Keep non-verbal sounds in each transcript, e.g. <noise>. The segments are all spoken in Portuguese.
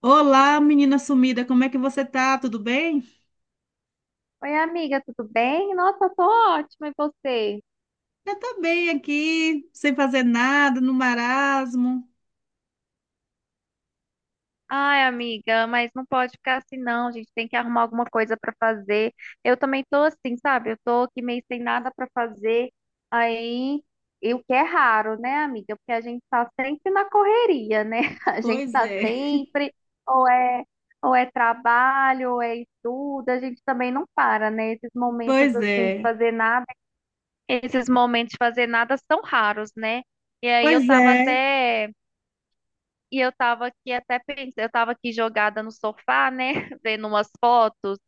Olá, menina sumida, como é que você tá? Tudo bem? Oi, amiga, tudo bem? Nossa, eu tô ótima, e você? Eu tô bem aqui, sem fazer nada, no marasmo. Ai, amiga, mas não pode ficar assim, não. A gente tem que arrumar alguma coisa pra fazer. Eu também tô assim, sabe? Eu tô aqui meio sem nada pra fazer. Aí, e o que é raro, né, amiga? Porque a gente tá sempre na correria, né? <laughs> A gente Pois tá é, sempre, ou é, ou é trabalho, ou é estudo, a gente também não para, né? Esses <laughs> momentos pois assim de é, fazer nada. Esses momentos de fazer nada são raros, né? E aí eu pois tava é. até, e eu tava aqui até pensando, eu tava aqui jogada no sofá, né, <laughs> vendo umas fotos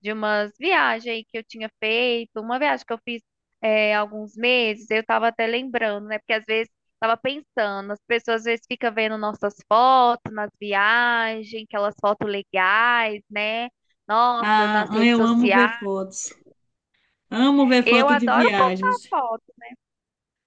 de umas viagens aí que eu tinha feito, uma viagem que eu fiz alguns meses, eu tava até lembrando, né, porque às vezes tava pensando, as pessoas às vezes ficam vendo nossas fotos nas viagens, aquelas fotos legais, né? Nossa, Ah, nas redes eu amo ver sociais. fotos. Amo ver Eu foto de adoro postar viagens. foto.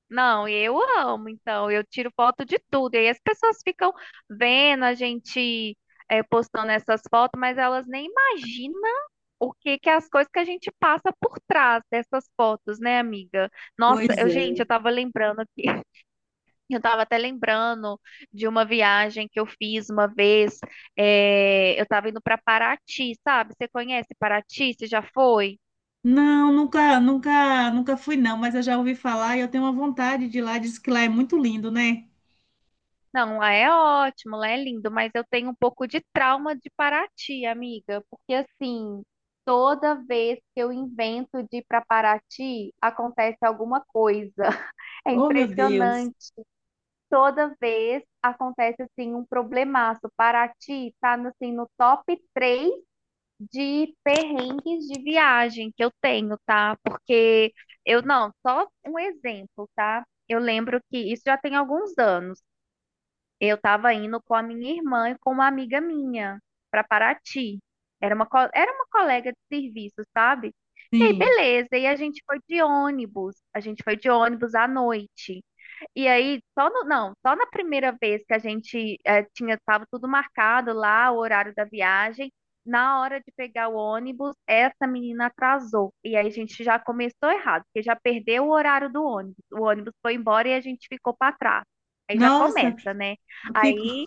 Não, eu amo, então, eu tiro foto de tudo. E aí as pessoas ficam vendo a gente postando essas fotos, mas elas nem imaginam o que que é as coisas que a gente passa por trás dessas fotos, né, amiga? Nossa, Pois eu, gente, é. eu tava lembrando aqui, <laughs> eu tava até lembrando de uma viagem que eu fiz uma vez. Eu tava indo para Paraty, sabe? Você conhece Paraty? Você já foi? Não, nunca fui não, mas eu já ouvi falar e eu tenho uma vontade de ir lá. Diz que lá é muito lindo, né? Não, lá é ótimo, lá é lindo, mas eu tenho um pouco de trauma de Paraty, amiga, porque assim, toda vez que eu invento de ir para Paraty, acontece alguma coisa. <laughs> É Oh, meu Deus. impressionante. Toda vez acontece assim um problemaço. Paraty tá no, assim, no top 3 de perrengues de viagem que eu tenho, tá? Porque eu não, só um exemplo, tá? Eu lembro que isso já tem alguns anos. Eu estava indo com a minha irmã e com uma amiga minha para Paraty. Era uma colega de serviço, sabe? E aí, Sim. beleza. E a gente foi de ônibus. A gente foi de ônibus à noite. E aí, só no, não, só na primeira vez que a gente estava tudo marcado lá, o horário da viagem, na hora de pegar o ônibus, essa menina atrasou. E aí a gente já começou errado, porque já perdeu o horário do ônibus. O ônibus foi embora e a gente ficou para trás. Aí já Nossa, começa, né? eu fico. Aí,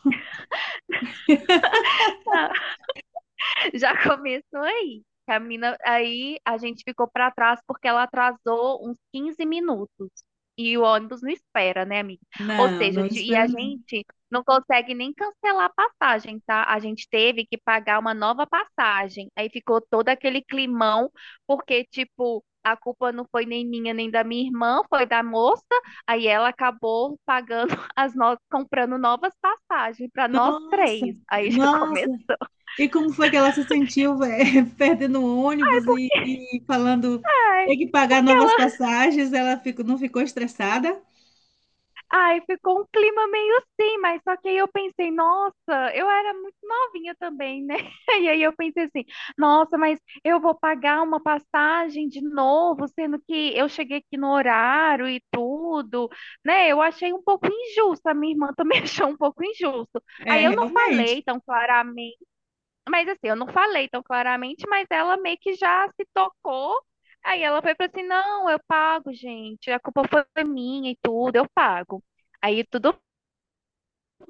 <laughs> Já começou aí. Aí a gente ficou pra trás porque ela atrasou uns 15 minutos. E o ônibus não espera, né, amiga? Ou Não, seja, não e espera a não. gente não consegue nem cancelar a passagem, tá? A gente teve que pagar uma nova passagem. Aí ficou todo aquele climão, porque, tipo, a culpa não foi nem minha nem da minha irmã, foi da moça. Aí ela acabou pagando <laughs> as novas, comprando novas passagens pra nós Nossa, três. Aí já nossa. começou. E como foi que ela se sentiu, velho, <laughs> perdendo o ônibus e falando tem que pagar Porque novas passagens? Não ficou estressada? Ai, ficou um clima meio assim, mas só que aí eu pensei, nossa, eu era muito novinha também, né? <laughs> E aí eu pensei assim, nossa, mas eu vou pagar uma passagem de novo, sendo que eu cheguei aqui no horário e tudo, né? Eu achei um pouco injusto, a minha irmã também <laughs> achou um pouco injusto. É, Aí eu não realmente. falei tão claramente. Mas assim, eu não falei tão claramente, mas ela meio que já se tocou. Aí ela foi para assim: "Não, eu pago, gente. A culpa foi minha e tudo, eu pago". Aí tudo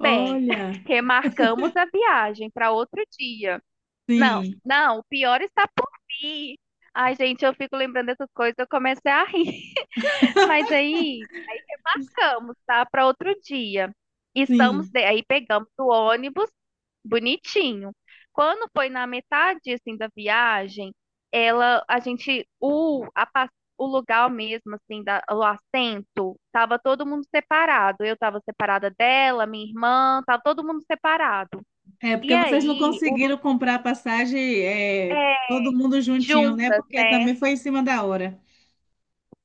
bem. <laughs> Remarcamos a viagem para outro dia. Não, sim, não, o pior está por vir. Ai, gente, eu fico lembrando dessas coisas, eu comecei a rir. <laughs> Mas aí ficamos, tá? Para outro dia. Sim. Aí pegamos o ônibus bonitinho. Quando foi na metade assim da viagem, ela, a gente, o, a pas- o lugar mesmo assim o assento, tava todo mundo separado. Eu tava separada dela, minha irmã, tava todo mundo separado. É E porque vocês não aí, conseguiram comprar a passagem, é, é, todo mundo juntinho, né? juntas, Porque né? também foi em cima da hora.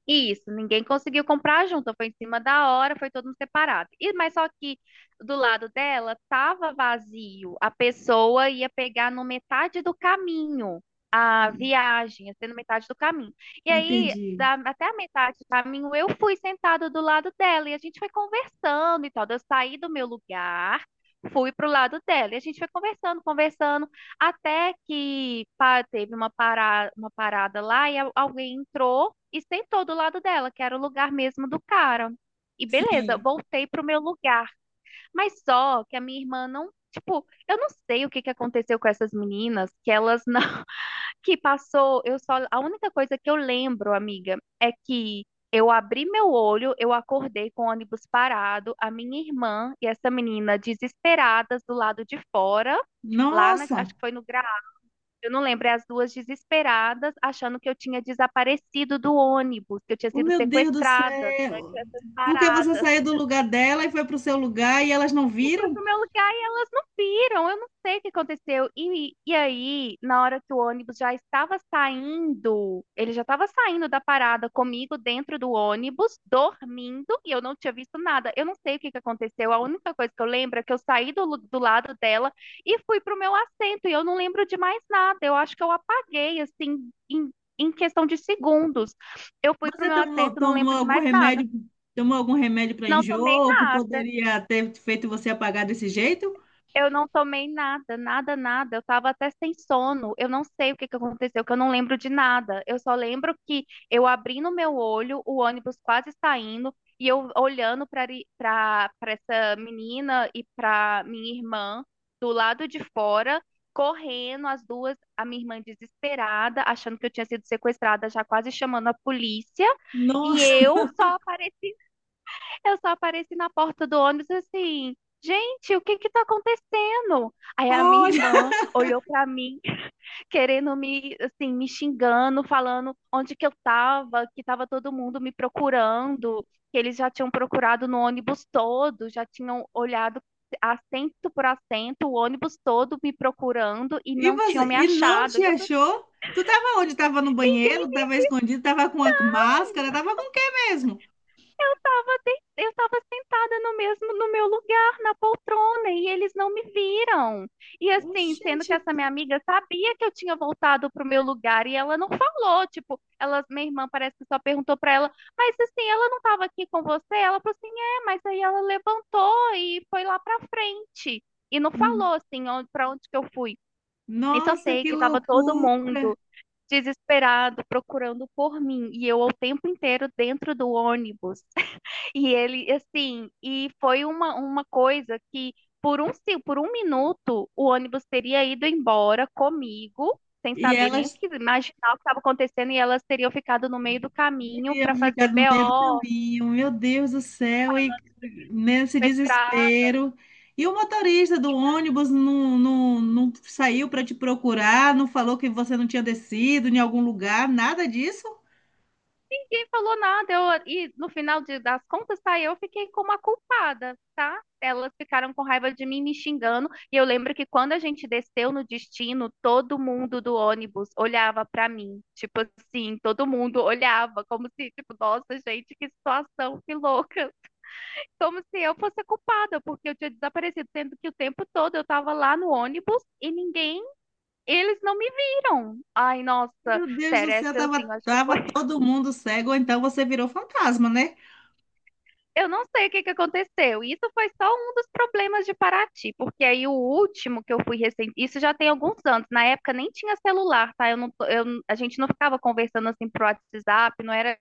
Isso, ninguém conseguiu comprar junto, foi em cima da hora, foi todo mundo separado. E, mas só que do lado dela tava vazio, a pessoa ia pegar no metade do caminho a viagem, ia ser no metade do caminho. E aí, Entendi. Até a metade do caminho, eu fui sentada do lado dela e a gente foi conversando e tal. Daí eu saí do meu lugar, fui pro lado dela e a gente foi conversando, conversando. Até que pá, teve uma parada lá e alguém entrou e sentou do lado dela, que era o lugar mesmo do cara. E beleza, Sim. voltei pro meu lugar. Mas só que a minha irmã não, tipo, eu não sei o que que aconteceu com essas meninas, que elas não, <laughs> que passou, eu só, a única coisa que eu lembro, amiga, é que eu abri meu olho, eu acordei com o ônibus parado, a minha irmã e essa menina desesperadas do lado de fora, lá na, acho Nossa, que foi no eu não lembro, é as duas desesperadas, achando que eu tinha desaparecido do ônibus, que eu tinha o sido meu Deus do sequestrada durante céu. essas Porque você paradas saiu do lugar dela e foi para o seu lugar e elas não e fui viram? pro meu lugar e elas não viram. Eu não sei o que aconteceu. E aí, na hora que o ônibus já estava saindo, ele já estava saindo da parada comigo dentro do ônibus, dormindo, e eu não tinha visto nada. Eu não sei o que que aconteceu. A única coisa que eu lembro é que eu saí do lado dela e fui pro meu assento, e eu não lembro de mais nada. Eu acho que eu apaguei, assim, em questão de segundos. Eu fui pro Você meu tomou, assento, não tomou lembro de algum mais nada. remédio, tomou algum remédio para Não tomei enjoo que nada. poderia ter feito você apagar desse jeito? Eu não tomei nada, nada, nada. Eu tava até sem sono. Eu não sei o que que aconteceu, que eu não lembro de nada. Eu só lembro que eu abri no meu olho, o ônibus quase saindo, e eu olhando para essa menina e para minha irmã do lado de fora, correndo, as duas, a minha irmã desesperada, achando que eu tinha sido sequestrada, já quase chamando a polícia, e Nossa, eu só apareci na porta do ônibus assim, gente, o que que tá acontecendo? Aí a <laughs> minha olha, irmã olhou pra mim, querendo me, assim, me xingando, falando onde que eu tava, que tava todo mundo me procurando, que eles já tinham procurado no ônibus todo, já tinham olhado assento por assento, o ônibus todo me procurando e não tinham me e não achado. te E eu falei, achou? Tu tava onde? Tava no ninguém banheiro, tava escondido, tava com a máscara, tava com o quê mesmo? Eu estava sentada no meu lugar, na poltrona, e eles não me viram. E assim, sendo Oxente, que essa minha amiga sabia que eu tinha voltado pro meu lugar e ela não falou, tipo, ela, minha irmã parece que só perguntou para ela, mas assim, ela não estava aqui com você? Ela falou assim: "É, mas aí ela levantou e foi lá pra frente e não falou assim onde, para onde que eu fui". E só nossa, sei que que estava todo loucura! mundo desesperado procurando por mim e eu o tempo inteiro dentro do ônibus e ele, assim, e foi uma coisa que por um, se- por um minuto o ônibus teria ido embora comigo, sem E saber ela nem o que imaginar o que estava acontecendo, e elas teriam ficado no meio do caminho para Teríamos fazer ficado no meio do BO, caminho, meu Deus do céu, e nesse pra estrada. desespero. E o motorista do ônibus não saiu para te procurar, não falou que você não tinha descido em algum lugar, nada disso? Ninguém falou nada. Eu, e no final das contas, tá? Eu fiquei como a culpada, tá? Elas ficaram com raiva de mim me xingando. E eu lembro que quando a gente desceu no destino, todo mundo do ônibus olhava pra mim. Tipo assim, todo mundo olhava, como se, tipo, nossa, gente, que situação, que louca. Como se eu fosse a culpada, porque eu tinha desaparecido, sendo que o tempo todo eu tava lá no ônibus e ninguém, eles não me viram. Ai, nossa, Meu Deus do sério, céu, essa assim, eu acho que tava foi. todo mundo cego, ou então você virou fantasma, né? Eu não sei o que que aconteceu. Isso foi só um dos problemas de Paraty, porque aí o último que eu fui recente, isso já tem alguns anos. Na época nem tinha celular, tá? Eu não, a gente não ficava conversando assim pro WhatsApp, não era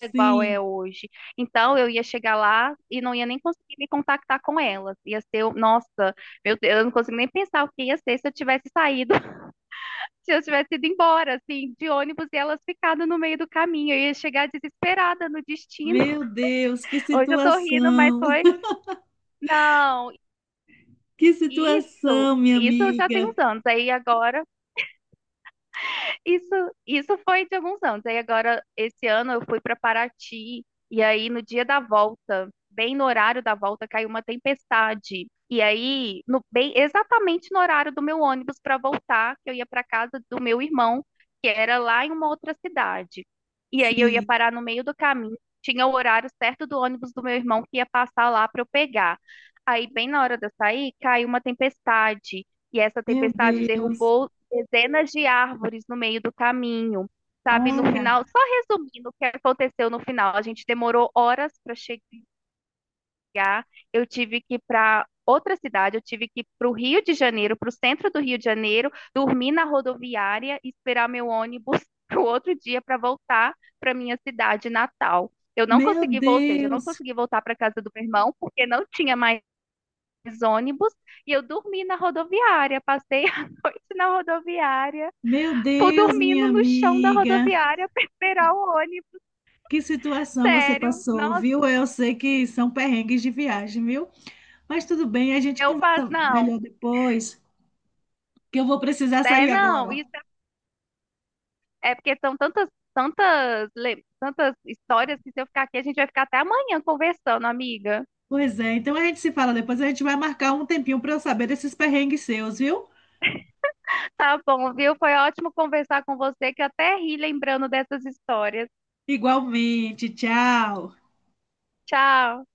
igual Sim, é hoje. Então eu ia chegar lá e não ia nem conseguir me contactar com elas. Ia ser, nossa, meu Deus, eu não consigo nem pensar o que ia ser se eu tivesse saído, <laughs> se eu tivesse ido embora, assim, de ônibus e elas ficado no meio do caminho. Eu ia chegar desesperada no destino. meu <laughs> Deus, Hoje eu tô rindo, mas foi. Não, que isso, situação, minha isso já tem amiga. uns anos. Aí agora isso, isso foi de alguns anos. Aí agora, esse ano, eu fui para Paraty, e aí no dia da volta, bem no horário da volta, caiu uma tempestade. E aí, no, bem, exatamente no horário do meu ônibus para voltar, que eu ia para casa do meu irmão, que era lá em uma outra cidade. E aí eu ia Sim, parar no meio do caminho, tinha o horário certo do ônibus do meu irmão que ia passar lá para eu pegar. Aí, bem na hora de eu sair, caiu uma tempestade. E essa meu tempestade Deus, derrubou dezenas de árvores no meio do caminho, sabe? No olha, final, só resumindo o que aconteceu no final, a gente demorou horas para chegar, eu tive que ir para outra cidade, eu tive que ir para o Rio de Janeiro, para o centro do Rio de Janeiro, dormir na rodoviária e esperar meu ônibus <laughs> para o outro dia para voltar para minha cidade natal. Eu não meu consegui, ou seja, eu não Deus. consegui voltar para casa do meu irmão porque não tinha mais ônibus e eu dormi na rodoviária, passei <laughs> a noite na rodoviária. Meu Pô, Deus, minha dormindo no chão da amiga, rodoviária pra esperar o ônibus, que situação você sério. passou, viu? Nossa, Eu sei que são perrengues de viagem, viu? Mas tudo bem, a gente eu passo. conversa Não, melhor depois, que eu vou precisar é sair não, agora. isso é porque são tantas histórias que se eu ficar aqui, a gente vai ficar até amanhã conversando, amiga. Pois é, então a gente se fala depois, a gente vai marcar um tempinho para eu saber desses perrengues seus, viu? Tá bom, viu? Foi ótimo conversar com você, que eu até ri lembrando dessas histórias. Igualmente, tchau. Tchau.